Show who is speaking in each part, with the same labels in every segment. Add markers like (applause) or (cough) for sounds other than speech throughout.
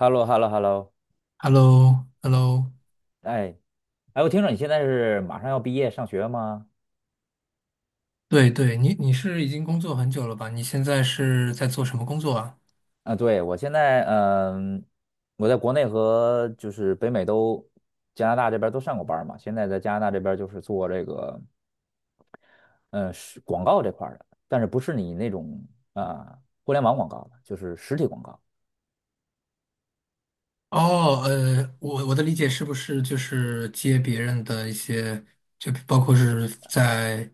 Speaker 1: hello hello hello
Speaker 2: h e l l o h e l l o
Speaker 1: 哎，哎，我听说你现在是马上要毕业上学吗？
Speaker 2: 对对，你是已经工作很久了吧？你现在是在做什么工作啊？
Speaker 1: 啊，对，我现在，我在国内和就是北美都，加拿大这边都上过班儿嘛。现在在加拿大这边就是做这个，嗯，是广告这块儿的，但是不是你那种互联网广告的，就是实体广告。
Speaker 2: 哦，我的理解是不是就是接别人的一些，就包括是在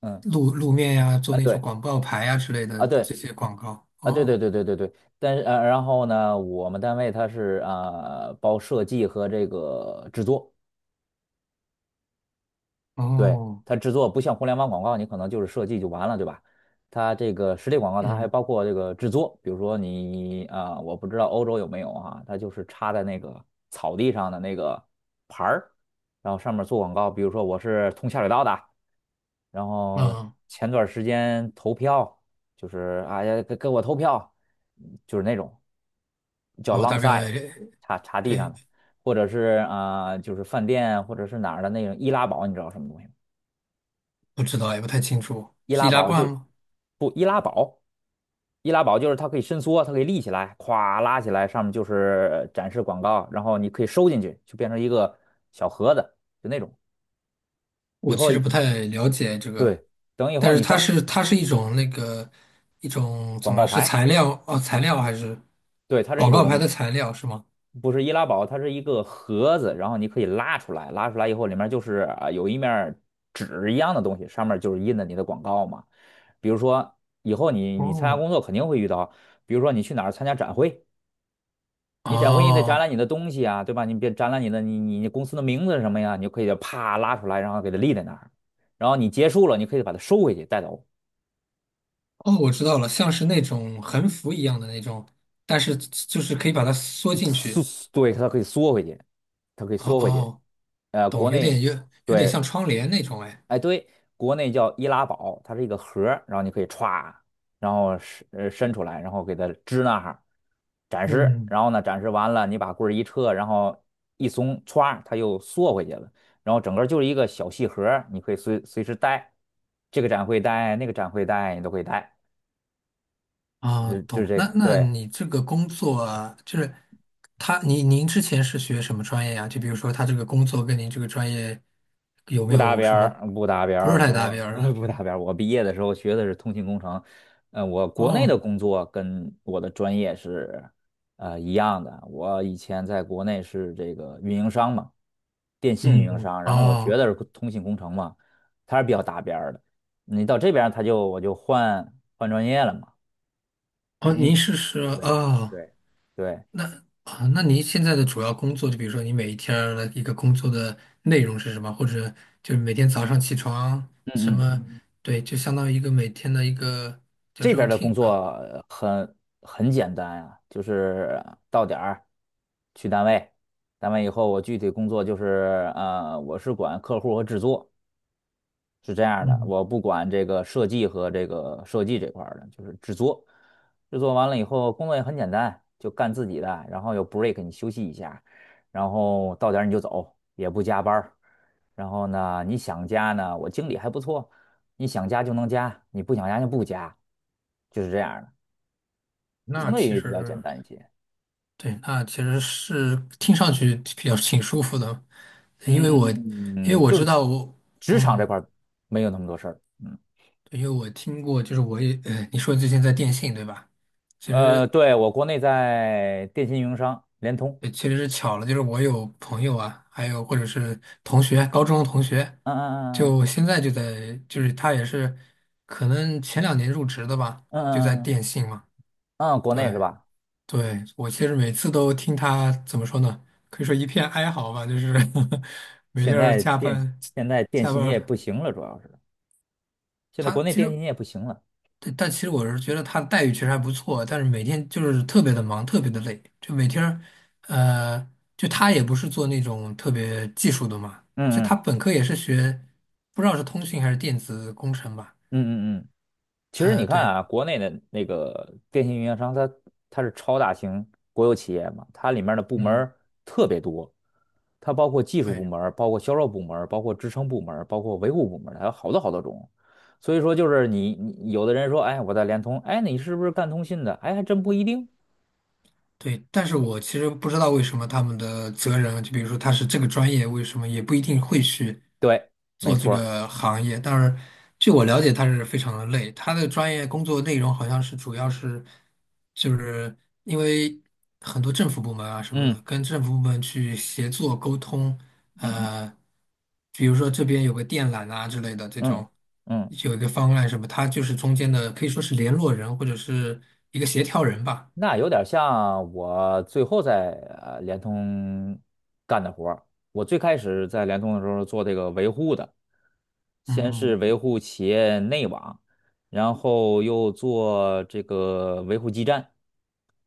Speaker 1: 嗯，
Speaker 2: 路面呀，做
Speaker 1: 啊，
Speaker 2: 那种
Speaker 1: 对，
Speaker 2: 广告牌呀之类
Speaker 1: 啊，
Speaker 2: 的
Speaker 1: 对，
Speaker 2: 这些广告？
Speaker 1: 啊，对对
Speaker 2: 哦
Speaker 1: 对对对对。但是然后呢，我们单位它是包设计和这个制作。对，
Speaker 2: 哦，
Speaker 1: 它制作不像互联网广告，你可能就是设计就完了，对吧？它这个实体广告，它还
Speaker 2: 嗯
Speaker 1: 包括这个制作，比如说你我不知道欧洲有没有啊，它就是插在那个草地上的那个牌儿，然后上面做广告，比如说我是通下水道的，然后
Speaker 2: 嗯，
Speaker 1: 前段时间投票，就是哎呀给我投票，就是那种叫
Speaker 2: 哦我
Speaker 1: long
Speaker 2: 大
Speaker 1: s i d e
Speaker 2: 概
Speaker 1: 插地上
Speaker 2: 对
Speaker 1: 的，或者是就是饭店或者是哪儿的那种易拉宝，你知道什么东西吗？
Speaker 2: 不知道，也不太清楚，
Speaker 1: 易
Speaker 2: 是
Speaker 1: 拉
Speaker 2: 易拉
Speaker 1: 宝
Speaker 2: 罐
Speaker 1: 就
Speaker 2: 吗？
Speaker 1: 不易拉宝，易拉宝就是它可以伸缩，它可以立起来，咵拉起来，上面就是展示广告，然后你可以收进去，就变成一个小盒子，就那种。以
Speaker 2: 我
Speaker 1: 后
Speaker 2: 其实不太了解这个，
Speaker 1: 对，等以后
Speaker 2: 但是
Speaker 1: 你
Speaker 2: 它
Speaker 1: 上
Speaker 2: 是它是一种那个一种怎
Speaker 1: 广
Speaker 2: 么了？
Speaker 1: 告
Speaker 2: 是
Speaker 1: 牌，
Speaker 2: 材料哦，材料还是
Speaker 1: 对，它是一
Speaker 2: 广告牌
Speaker 1: 种
Speaker 2: 的材料是吗？
Speaker 1: 不是易拉宝，它是一个盒子，然后你可以拉出来，拉出来以后里面就是啊有一面儿纸一样的东西，上面就是印的你的广告嘛。比如说以后你参加
Speaker 2: 哦
Speaker 1: 工作肯定会遇到，比如说你去哪儿参加展会。你展会你得展
Speaker 2: 哦
Speaker 1: 览你的东西啊，对吧？你别展览你的你公司的名字是什么呀？你就可以啪拉出来，然后给它立在那儿，然后你结束了，你可以把它收回去带走，
Speaker 2: 哦，我知道了，像是那种横幅一样的那种，但是就是可以把它缩进
Speaker 1: 缩，
Speaker 2: 去。
Speaker 1: 对，它可以缩回去，它可以
Speaker 2: 哦
Speaker 1: 缩回去。
Speaker 2: 哦，懂，
Speaker 1: 国内
Speaker 2: 有点像
Speaker 1: 对
Speaker 2: 窗帘那种哎。
Speaker 1: 哎，对，国内叫易拉宝，它是一个盒儿然后你可以歘，然后伸出来，然后给它支那哈儿，展示，
Speaker 2: 嗯。
Speaker 1: 然后呢展示完了，你把棍儿一撤，然后一松，歘，它又缩回去了，然后整个就是一个小细盒儿你可以随时带，这个展会带，那个展会带，你都可以带，就
Speaker 2: 啊，
Speaker 1: 是就
Speaker 2: 懂。
Speaker 1: 是这个，
Speaker 2: 那那
Speaker 1: 对。
Speaker 2: 你这个工作啊，就是他，您之前是学什么专业啊？就比如说他这个工作跟您这个专业有没
Speaker 1: 不搭
Speaker 2: 有
Speaker 1: 边
Speaker 2: 什么
Speaker 1: 儿，不搭边
Speaker 2: 不
Speaker 1: 儿，
Speaker 2: 是太搭
Speaker 1: 我
Speaker 2: 边儿
Speaker 1: (laughs)
Speaker 2: 啊？
Speaker 1: 不搭边儿。我毕业的时候学的是通信工程，我国内的
Speaker 2: 哦，
Speaker 1: 工作跟我的专业是一样的。我以前在国内是这个运营商嘛，电信运营
Speaker 2: 嗯，
Speaker 1: 商，然后我学
Speaker 2: 哦，
Speaker 1: 的是通信工程嘛，它是比较搭边儿的。你到这边儿，我就换换专业了嘛，
Speaker 2: 哦，
Speaker 1: 因为
Speaker 2: 您
Speaker 1: 毕
Speaker 2: 是是
Speaker 1: 对
Speaker 2: 哦，
Speaker 1: 对对，
Speaker 2: 那啊，那您现在的主要工作，就比如说你每一天儿的一个工作的内容是什么？或者就是每天早上起床什
Speaker 1: 嗯嗯
Speaker 2: 么？嗯对，就相当于一个每天的一个叫
Speaker 1: 这边儿的工
Speaker 2: routine
Speaker 1: 作
Speaker 2: 吧。
Speaker 1: 很简单呀、就是到点儿去单位，单位以后我具体工作就是我是管客户和制作，是这样的，
Speaker 2: 嗯，
Speaker 1: 我不管这个设计和这个设计这块儿的，就是制作，制作完了以后，工作也很简单，就干自己的，然后有 break 你休息一下，然后到点儿你就走，也不加班儿然后呢，你想加呢，我经理还不错，你想加就能加，你不想加就不加，就是这样儿的，相
Speaker 2: 那
Speaker 1: 对
Speaker 2: 其
Speaker 1: 于比较简
Speaker 2: 实。
Speaker 1: 单一些。
Speaker 2: 对，那其实是听上去比较挺舒服的，因为我因为
Speaker 1: 嗯，
Speaker 2: 我
Speaker 1: 就
Speaker 2: 知
Speaker 1: 是
Speaker 2: 道我
Speaker 1: 职场这
Speaker 2: 嗯，
Speaker 1: 块儿没有那么多事儿。嗯，
Speaker 2: 对因为我听过，就是我也你说最近在电信对吧？其实
Speaker 1: 对，我国内在电信运营商联通。
Speaker 2: 对其实是巧了，就是我有朋友啊，还有或者是同学，高中同学，
Speaker 1: 嗯嗯嗯
Speaker 2: 就现在就在就是他也是可能前两年入职的吧，
Speaker 1: 嗯
Speaker 2: 就在
Speaker 1: 嗯嗯，
Speaker 2: 电信嘛，
Speaker 1: 嗯，国内是
Speaker 2: 对，
Speaker 1: 吧？
Speaker 2: 对，我其实每次都听他怎么说呢？可以说一片哀嚎吧，就是 (laughs) 每
Speaker 1: 现
Speaker 2: 天儿
Speaker 1: 在
Speaker 2: 加
Speaker 1: 电
Speaker 2: 班
Speaker 1: 现在电
Speaker 2: 加
Speaker 1: 信
Speaker 2: 班
Speaker 1: 业
Speaker 2: 儿
Speaker 1: 不行了，主要是现在国
Speaker 2: 他
Speaker 1: 内
Speaker 2: 其
Speaker 1: 电
Speaker 2: 实，
Speaker 1: 信业不行了。
Speaker 2: 对但其实我是觉得他的待遇其实还不错，但是每天就是特别的忙，特别的累，就每天儿呃，就他也不是做那种特别技术的嘛，就
Speaker 1: 嗯
Speaker 2: 他
Speaker 1: 嗯
Speaker 2: 本科也是学，不知道是通信还是电子工程吧，
Speaker 1: 嗯嗯嗯，其实你看
Speaker 2: 对，
Speaker 1: 啊，国内的那个电信运营商它是超大型国有企业嘛，它里面的部门
Speaker 2: 嗯，
Speaker 1: 儿特别多，它包括技术部
Speaker 2: 对。
Speaker 1: 门儿包括销售部门儿包括支撑部门儿包括维护部门儿还有好多好多种。所以说，就是你有的人说，哎，我在联通，哎，你是不是干通信的？哎，还真不一定。
Speaker 2: 对，但是我其实不知道为什么他们的责任，就比如说他是这个专业，为什么也不一定会去
Speaker 1: 对，没
Speaker 2: 做这
Speaker 1: 错儿
Speaker 2: 个行业。但是据我了解，他是非常的累，他的专业工作内容好像是主要是，就是因为很多政府部门啊什么
Speaker 1: 嗯
Speaker 2: 的，跟政府部门去协作沟通，
Speaker 1: 嗯嗯
Speaker 2: 呃，比如说这边有个电缆啊之类的这
Speaker 1: 嗯
Speaker 2: 种，
Speaker 1: 嗯，
Speaker 2: 有一个方案什么，他就是中间的，可以说是联络人或者是一个协调人吧。
Speaker 1: 那有点像我最后在联通干的活儿。我最开始在联通的时候做这个维护的，先是
Speaker 2: 嗯。
Speaker 1: 维护企业内网，然后又做这个维护基站。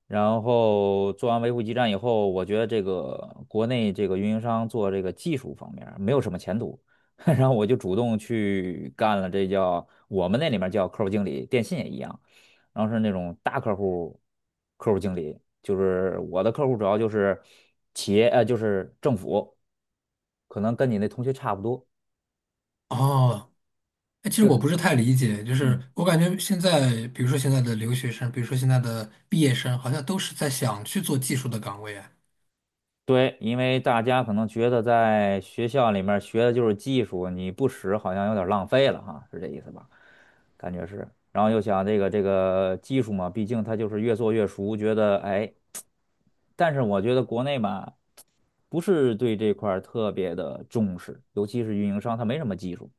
Speaker 1: 然后做完维护基站以后，我觉得这个国内这个运营商做这个技术方面儿没有什么前途，(laughs) 然后我就主动去干了，这叫我们那里面叫客户经理，电信也一样，然后是那种大客户客户经理，就是我的客户主要就是企业，就是政府，可能跟你那同学差不多，
Speaker 2: 哦，哎，其实
Speaker 1: 就
Speaker 2: 我
Speaker 1: 是。
Speaker 2: 不是太理解，就是
Speaker 1: 嗯。
Speaker 2: 我感觉现在，比如说现在的留学生，比如说现在的毕业生，好像都是在想去做技术的岗位啊。
Speaker 1: 对，因为大家可能觉得在学校里面学的就是技术，你不使好像有点浪费了哈，是这意思吧？感觉是。然后又想这个技术嘛，毕竟它就是越做越熟，觉得哎，但是我觉得国内吧，不是对这块儿特别的重视，尤其是运营商，它没什么技术。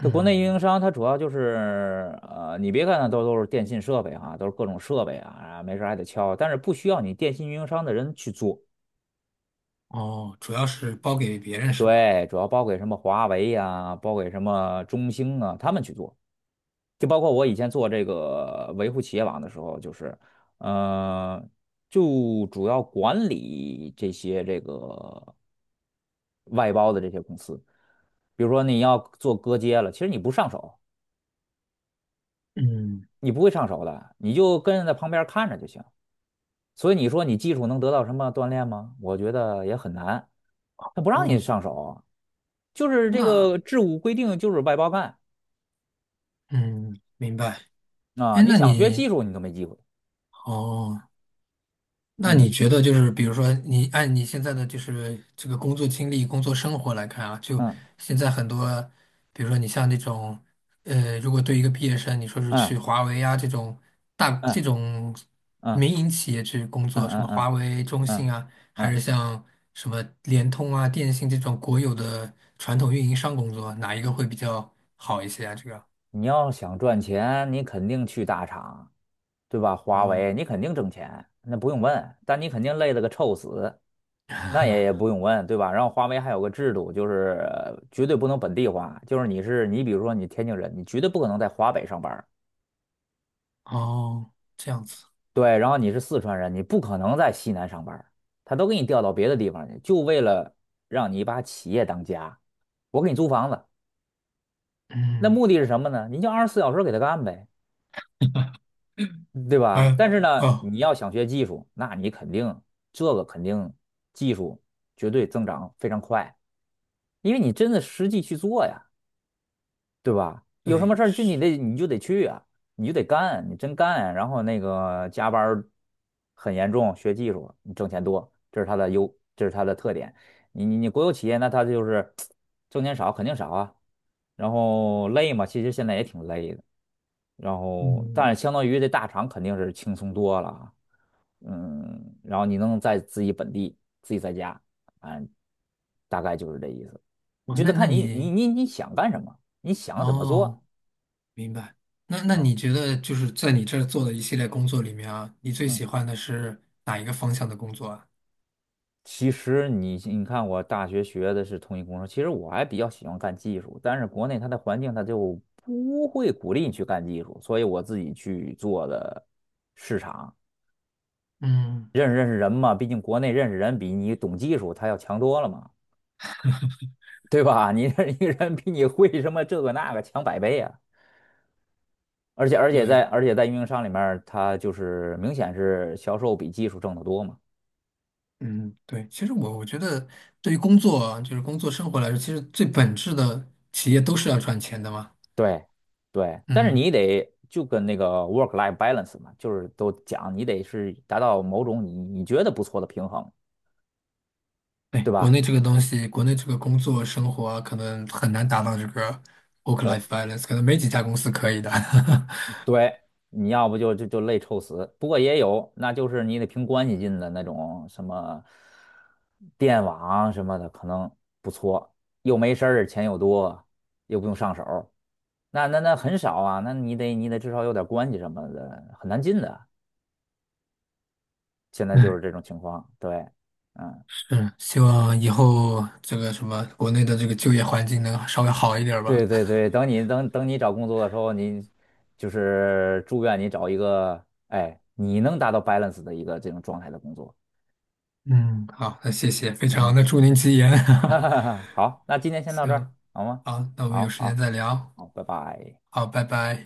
Speaker 1: 这国内运营商它主要就是你别看它都是电信设备啊，都是各种设备啊，没事儿还得敲，但是不需要你电信运营商的人去做。
Speaker 2: 哦，主要是包给别人是吧？
Speaker 1: 对，主要包给什么华为呀、包给什么中兴啊，他们去做。就包括我以前做这个维护企业网的时候，就是，呃，就主要管理这些这个外包的这些公司。比如说你要做割接了，其实你不上手，
Speaker 2: 嗯，
Speaker 1: 你不会上手的，你就跟着在旁边看着就行。所以你说你技术能得到什么锻炼吗？我觉得也很难，他不让你
Speaker 2: 哦，
Speaker 1: 上手啊，就是这
Speaker 2: 那，
Speaker 1: 个制度规定就是外包干。
Speaker 2: 嗯，明白。
Speaker 1: 啊，
Speaker 2: 哎，
Speaker 1: 你
Speaker 2: 那
Speaker 1: 想学技
Speaker 2: 你，
Speaker 1: 术你都没机会。
Speaker 2: 哦。那你
Speaker 1: 嗯
Speaker 2: 觉得就是，比如说你按你现在的就是这个工作经历、工作生活来看啊，就
Speaker 1: 嗯
Speaker 2: 现在很多，比如说你像那种，如果对一个毕业生，你说是
Speaker 1: 嗯
Speaker 2: 去华为啊这种大这
Speaker 1: 嗯
Speaker 2: 种
Speaker 1: 嗯
Speaker 2: 民营企业去工
Speaker 1: 嗯
Speaker 2: 作，什
Speaker 1: 嗯
Speaker 2: 么
Speaker 1: 嗯
Speaker 2: 华为、中
Speaker 1: 嗯
Speaker 2: 兴啊，还
Speaker 1: 嗯，
Speaker 2: 是像什么联通啊、电信这种国有的传统运营商工作，哪一个会比较好一些啊？这个？
Speaker 1: 你要想赚钱，你肯定去大厂，对吧？华
Speaker 2: 哦
Speaker 1: 为你肯定挣钱，那不用问。但你肯定累得个臭死，那也不用问，对吧？然后华为还有个制度，就是绝对不能本地化，就是你是你，比如说你天津人，你绝对不可能在华北上班。
Speaker 2: 哦，这样子，
Speaker 1: 对，然后你是四川人，你不可能在西南上班儿他都给你调到别的地方去，就为了让你把企业当家。我给你租房子，那
Speaker 2: 嗯，
Speaker 1: 目的是什么呢？你就24小时给他干呗，对吧？
Speaker 2: 哎
Speaker 1: 但是呢，
Speaker 2: 哦，
Speaker 1: 你要想学技术，那你肯定这个肯定技术绝对增长非常快，因为你真的实际去做呀。对吧？有什
Speaker 2: 对，
Speaker 1: 么事儿就你就得去啊，你就得干，你真干，然后那个加班儿很严重，学技术，你挣钱多，这是它的优，这是它的特点。你国有企业，那它就是 (tsk) 挣钱少，肯定少啊，然后累嘛，其实现在也挺累的。然后
Speaker 2: 嗯。
Speaker 1: 但是相当于这大厂肯定是轻松多了啊嗯，然后你能在自己本地自己在家，嗯，大概就是这意思。你
Speaker 2: 哦，
Speaker 1: 就
Speaker 2: 那
Speaker 1: 得
Speaker 2: 那
Speaker 1: 看你你
Speaker 2: 你
Speaker 1: 你你想干什么，你想怎么做，
Speaker 2: 哦，明白。那那你觉得就是在你这儿做的一系列工作里面啊，你最
Speaker 1: 嗯。
Speaker 2: 喜欢的是哪一个方向的工作啊？
Speaker 1: 其实你看，我大学学的是通信工程，其实我还比较喜欢干技术，但是国内它的环境它就不会鼓励你去干技术，所以我自己去做的市场，
Speaker 2: 嗯，
Speaker 1: 认识认识人嘛，毕竟国内认识人比你懂技术他要强多了嘛。对吧？你这一个人比你会什么这个那个强百倍啊！而且而且
Speaker 2: 有
Speaker 1: 在
Speaker 2: 一，
Speaker 1: 而且在运营商里面他就是明显是销售比技术挣得多嘛。
Speaker 2: 嗯，对。其实我觉得，对于工作啊就是工作生活来说，其实最本质的企业都是要赚钱的嘛。
Speaker 1: 对对，但是
Speaker 2: 嗯，
Speaker 1: 你得就跟那个 work life balance 嘛，就是都讲你得是达到某种你觉得不错的平衡，
Speaker 2: 对，
Speaker 1: 对
Speaker 2: 国
Speaker 1: 吧？
Speaker 2: 内这个东西，国内这个工作生活啊可能很难达到这个 work-life balance，可能没几家公司可以的。(laughs)
Speaker 1: 对，你要不就累臭死。不过也有，那就是你得凭关系进的那种什么电网什么的，可能不错，又没事儿，钱又多，又不用上手儿那很少啊，那你得至少有点关系什么的，很难进的。现在就是这种情况，对，嗯，
Speaker 2: 嗯，希望以后这个什么国内的这个就业环境能稍微好一点儿吧。
Speaker 1: 对对对，等你找工作的时候，你就是祝愿你找一个，哎，你能达到 balance 的一个这种状态的工作，
Speaker 2: 嗯，(laughs) 好，那谢谢，非
Speaker 1: 行
Speaker 2: 常
Speaker 1: 吗？
Speaker 2: 的祝您吉言。
Speaker 1: (laughs) 哈哈哈，好，那今天
Speaker 2: (laughs)
Speaker 1: 先到这儿，
Speaker 2: 行，
Speaker 1: 好吗？
Speaker 2: 好，那我们有
Speaker 1: 好
Speaker 2: 时间
Speaker 1: 好
Speaker 2: 再聊。
Speaker 1: 好，拜拜。
Speaker 2: 好，拜拜。